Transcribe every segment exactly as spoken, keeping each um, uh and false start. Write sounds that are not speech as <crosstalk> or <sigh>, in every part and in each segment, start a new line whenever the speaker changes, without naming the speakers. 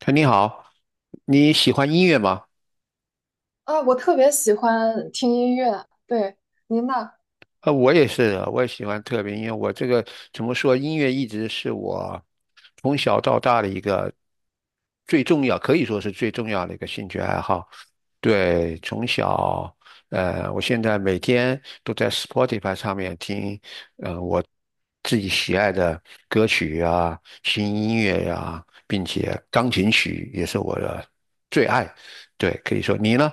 哎，你好，你喜欢音乐吗？
啊，我特别喜欢听音乐，对，您呢？
呃，我也是的，我也喜欢特别音乐。我这个怎么说，音乐一直是我从小到大的一个最重要，可以说是最重要的一个兴趣爱好。对，从小，呃，我现在每天都在 Spotify 上面听，呃，我自己喜爱的歌曲啊，新音乐呀、并且钢琴曲也是我的最爱。对，可以说你呢？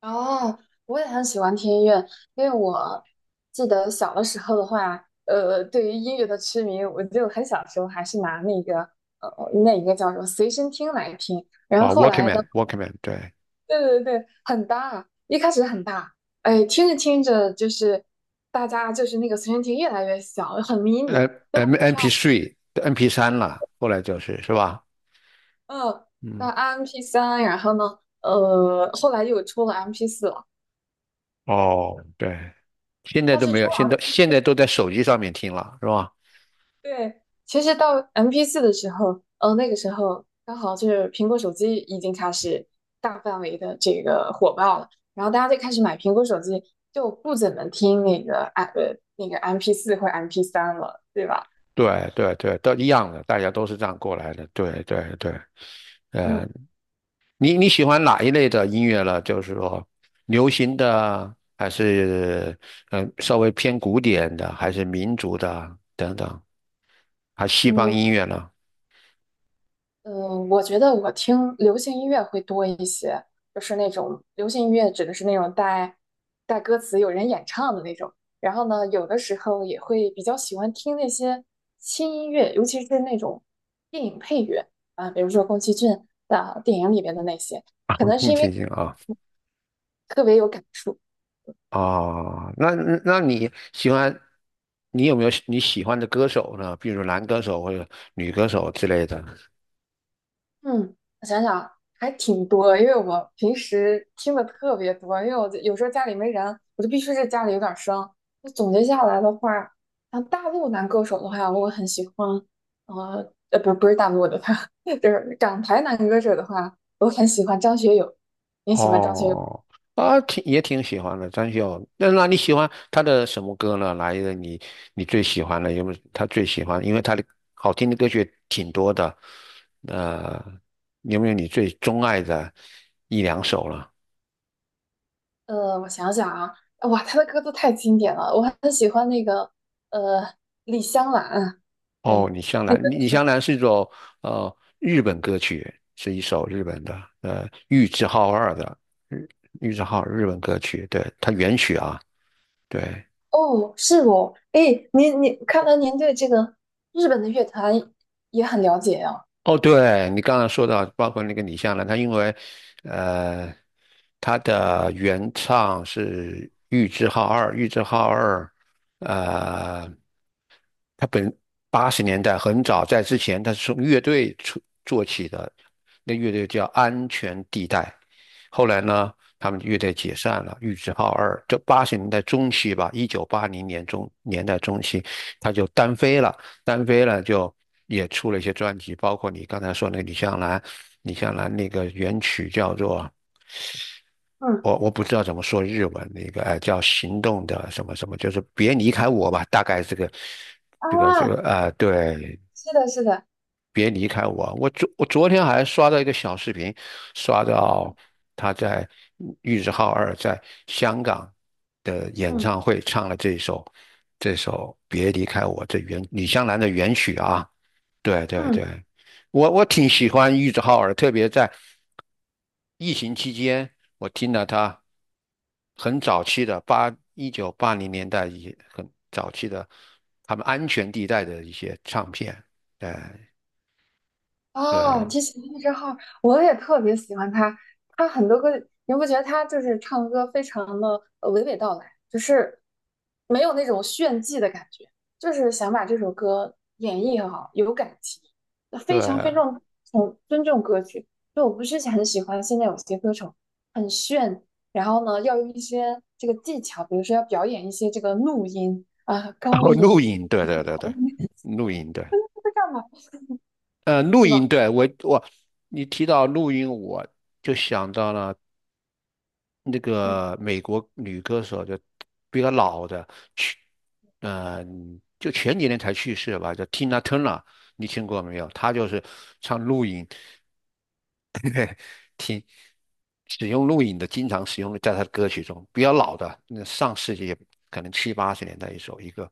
哦，我也很喜欢听音乐，因为我记得小的时候的话，呃，对于音乐的痴迷，我就很小时候还是拿那个呃那一个叫什么随身听来听，然
啊
后后来的，
，Walkman，Walkman，对
对对对，很大，一开始很大，哎，听着听着就是大家就是那个随身听越来越小，很迷你，
，M
又
M
很
M
漂
P
亮，
t h M P 三了，后来就是，是吧？
嗯，那
嗯，
m p 三，然后呢？呃，后来又出了 M P 四，
哦，对，现在
但
都
是
没
出
有，现在
来，
现在都在手机上面听了，是吧？
对，其实到 m p 四的时候，呃，那个时候刚好就是苹果手机已经开始大范围的这个火爆了，然后大家就开始买苹果手机，就不怎么听那个 M 呃那个 m p 四或 m p 三了，对吧？
对对对，都一样的，大家都是这样过来的。对对对，呃，
嗯
你你喜欢哪一类的音乐了？就是说，流行的，还是嗯，稍微偏古典的，还是民族的等等，还西方
嗯，
音乐呢？
嗯，我觉得我听流行音乐会多一些，就是那种流行音乐指的是那种带带歌词、有人演唱的那种。然后呢，有的时候也会比较喜欢听那些轻音乐，尤其是那种电影配乐啊，比如说宫崎骏的电影里边的那些，可能是
更
因为
清醒啊。
特别有感触，
哦，那那你喜欢，你有没有你喜欢的歌手呢？比如男歌手或者女歌手之类的。
嗯，我想想，还挺多的因为我平时听的特别多，因为我就有时候家里没人，我就必须是家里有点声。那总结下来的话，像大陆男歌手的话，我很喜欢，呃，呃，不，不是大陆的他 <laughs> 就是港台男歌手的话，我很喜欢张学友。你喜欢张学友？
哦，啊，挺也挺喜欢的，张学友。那那你喜欢他的什么歌呢？来一个你你最喜欢的有没有？他最喜欢，因为他的好听的歌曲挺多的。呃，有没有你最钟爱的一两首了？
呃，我想想啊，哇，他的歌都太经典了，我很喜欢那个，呃，李香兰，
哦，
对。
李香
那个。
兰，李香兰是一首呃日本歌曲，是一首日本的呃玉置浩二的日玉置浩二日本歌曲，对，它原曲啊，对，
哦，是哦，哎，您您，看来您对这个日本的乐坛也很了解呀、
哦，对你刚刚说到，包括那个李香兰，她因为呃她的原唱是玉置浩二，玉置浩二呃他本八十年代很早，在之前他是从乐队出做起的，那乐队叫安全地带。后来呢，他们乐队解散了，玉置浩二。就八十年代中期吧，一九八零年中年代中期，他就单飞了，单飞了就也出了一些专辑，包括你刚才说那个李香兰，李香兰那个原曲叫做
嗯
我我不知道怎么说日文，那个呃叫行动的什么什么，就是别离开我吧，大概这个这个这
啊，
个呃，对，
是的，是的，
别离开我。我昨我昨天还刷到一个小视频，刷到他在玉置浩二在香港的演
嗯
唱会唱了这首这首《别离开我》这原李香兰的原曲啊，对对
嗯，
对，我我挺喜欢玉置浩二，特别在疫情期间，我听了他很早期的八一九八零年代一些很早期的他们安全地带的一些唱片，对
哦，
对
提起那之后，我也特别喜欢他。他很多歌，你不觉得他就是唱歌非常的呃娓娓道来，就是没有那种炫技的感觉，就是想把这首歌演绎很好，有感情，
对，
非常非
哦，
常从尊重歌曲。就我不是很喜欢现在有些歌手很炫，然后呢要用一些这个技巧，比如说要表演一些这个怒音啊、高
录
音，
音，对对对对，录音对，
这干嘛
呃，录
是
音
吧？
对我我你提到录音，我就想到了那
嗯，
个美国女歌手，就比较老的，去，呃，就前几年才去世吧，叫 Tina Turner，你听过没有？她就是唱《录音》，听使用录影的，经常使用的，在他的歌曲中，比较老的，那上世纪可能七八十年代一首一个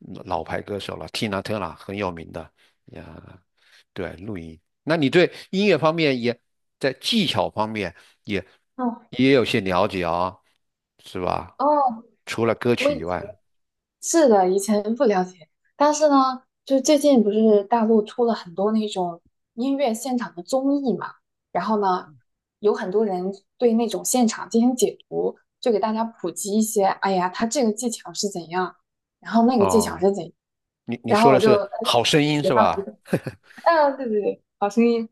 嗯老牌歌手了，Tina Turner 很有名的，呀，对，录音。那你对音乐方面也在技巧方面也
哦，
也有些了解啊、是吧？
哦。
除了歌
我
曲
以。
以外，
是的，以前不了解，但是呢，就最近不是大陆出了很多那种音乐现场的综艺嘛，然后呢，有很多人对那种现场进行解读，就给大家普及一些，哎呀，他这个技巧是怎样，然后那个技巧
哦，
是怎样，
你你
然后
说的
我就
是
哎
好声音
学
是
到了一
吧？
个，啊，对对对，好声音，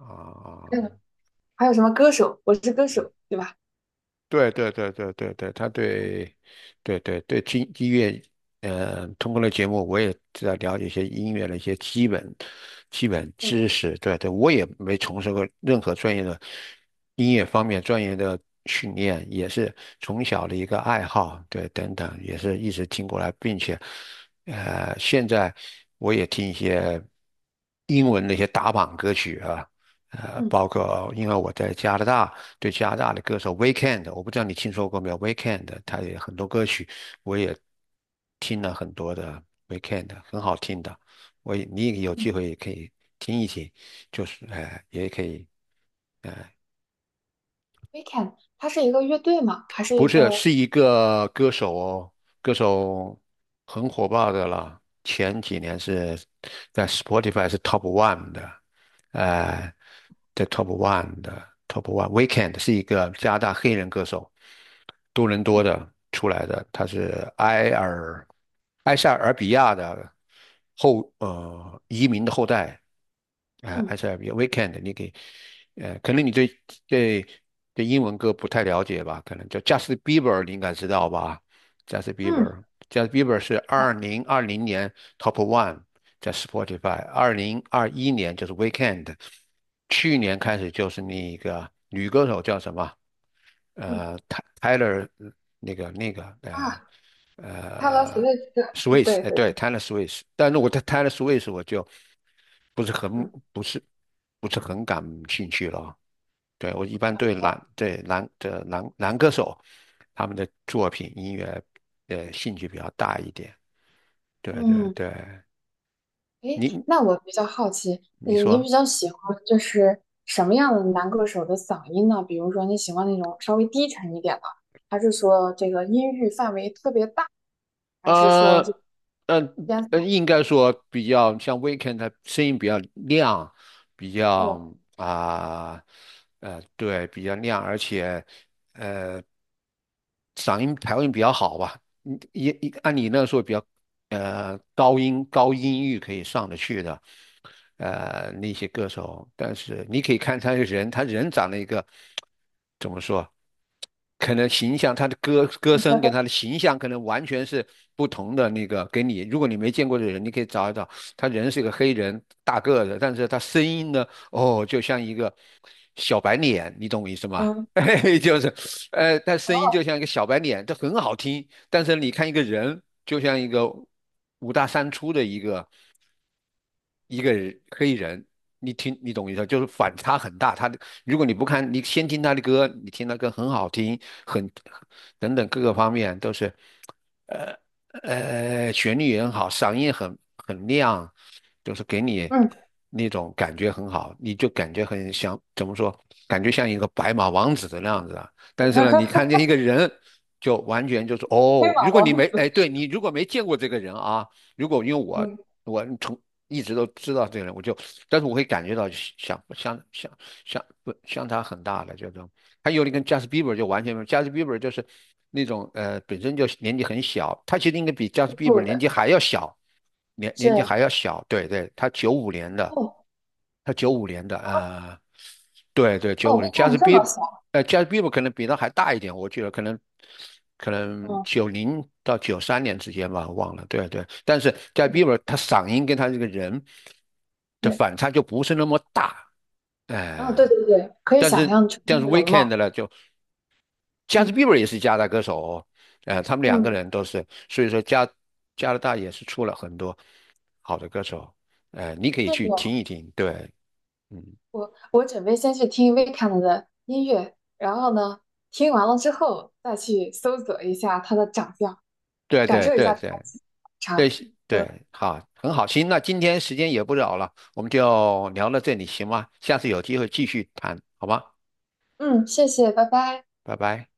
啊、
嗯，还有什么歌手，我是歌手，对吧？
对对对对对对，他对，对对对，听音乐，嗯，通过了节目，我也知道了解一些音乐的一些基本基本知识。对对，我也没从事过任何专业的音乐方面专业的训练，也是从小的一个爱好，对，等等，也是一直听过来，并且，呃，现在我也听一些英文的一些打榜歌曲啊。呃，
嗯
包括因为我在加拿大，对加拿大的歌手 Weekend，我不知道你听说过没有？Weekend，他也很多歌曲，我也听了很多的 Weekend，很好听的。我也你也有
嗯
机会也可以听一听，就是呃，也可以
，Weekend，它是一个乐队嘛，还是
不
一
是，是
个
一个歌手哦，歌手很火爆的了。前几年是在 Spotify 是 Top One 的，呃，在 Top One 的 Top One Weekend 是一个加拿大黑人歌手，多伦多
嗯
的出来的，他是埃尔埃塞俄比亚的后呃移民的后代，啊、呃
嗯
S R V Weekend，你给呃，可能你对对对英文歌不太了解吧？可能叫 Justin Bieber，你应该知道吧？Justin
嗯
Bieber，Justin Bieber 是二零二零年 Top One 在 Spotify，二零二一年就是 Weekend，去年开始就是那个女歌手叫什么？
嗯。
呃 t y y l e r 那个那个呃
啊 Hello s w
呃。
i c h
Swiss，
对
哎，
对，
对，Taylor Swift，但如果他 Taylor Swift，我就不是很
嗯
不是不是很感兴趣了啊。对，我一般对男对男的男男歌手他们的作品音乐呃兴趣比较大一点。对对
嗯，
对，
诶，
你
那我比较好奇，
你
你你比
说
较喜欢就是什么样的男歌手的嗓音呢？比如说你喜欢那种稍微低沉一点的，还是说这个音域范围特别大，还是说是
呃呃
烟
呃，
嗓？
应该说比较像 Weekend，他声音比较亮，比
哦，
较啊呃，对，比较亮，而且。呃。嗓音调音比较好吧，你也按你那个说比较呃高音高音域可以上得去的，呃那些歌手，但是你可以看他这个人，他人长了一个怎么说？可能形象，他的歌歌声跟他
<laughs>
的形象可能完全是不同的那个。给你，如果你没见过的人，你可以找一找，他人是一个黑人，大个子，但是他声音呢，哦，就像一个小白脸，你懂我意思吗？
嗯
<laughs> 嘿就是，呃，他声音
哦
就像一个小白脸，这很好听。但是你看一个人，就像一个五大三粗的一个一个人黑人，你听你懂意思，就是反差很大。他的如果你不看，你先听他的歌，你听他歌很好听，很等等各个方面都是，呃呃，旋律也很好，嗓音很很亮，就是给你
嗯，
那种感觉很好，你就感觉很像怎么说，感觉像一个白马王子的那样子啊。但是呢，你
<laughs>
看见一个人，就完全就是
黑
哦，
马
如果你
王
没哎，
子，
对你如果没见过这个人啊。如果因为我
嗯，
我从一直都知道这个人，我就，但是我会感觉到相相相相不相差很大的这种。还有你跟 Justin Bieber 就完全没有，Justin Bieber 就是那种呃本身就年纪很小，他其实应该比 Justin Bieber
酷
年纪
的
还要小，年年纪
是
还要小。对对，他九五年的，
哦
他九五年的，呃，对对，九
哦，
五
被
年
看
，Justin
这么
Bieber
小，
呃 j a z n Bieber 可能比他还大一点，我记得可能可能
嗯，
九零到九三年之间吧，忘了。对啊对啊，但是 j a z n Bieber 他嗓音跟他这个人的
是，
反差就不是那么大，
哦对
哎、
对对，可以
但
想
是
象成
但
那
是
的容貌，
Weekend 呢，就 j a z n
嗯
Bieber 也是加拿大歌手哦，呃，他们两个
嗯，
人都是，所以说加加拿大也是出了很多好的歌手，呃，你可以
是
去听
的。
一听，对，嗯，
我我准备先去听 Weeknd 的音乐，然后呢，听完了之后再去搜索一下他的长相，
对啊
感
对啊
受一
对啊
下他的
对。
气场。
对
呃
对，好，很好，行，那今天时间也不早了，我们就聊到这里，行吗？下次有机会继续谈，好吗？
嗯，谢谢，拜拜。
拜拜。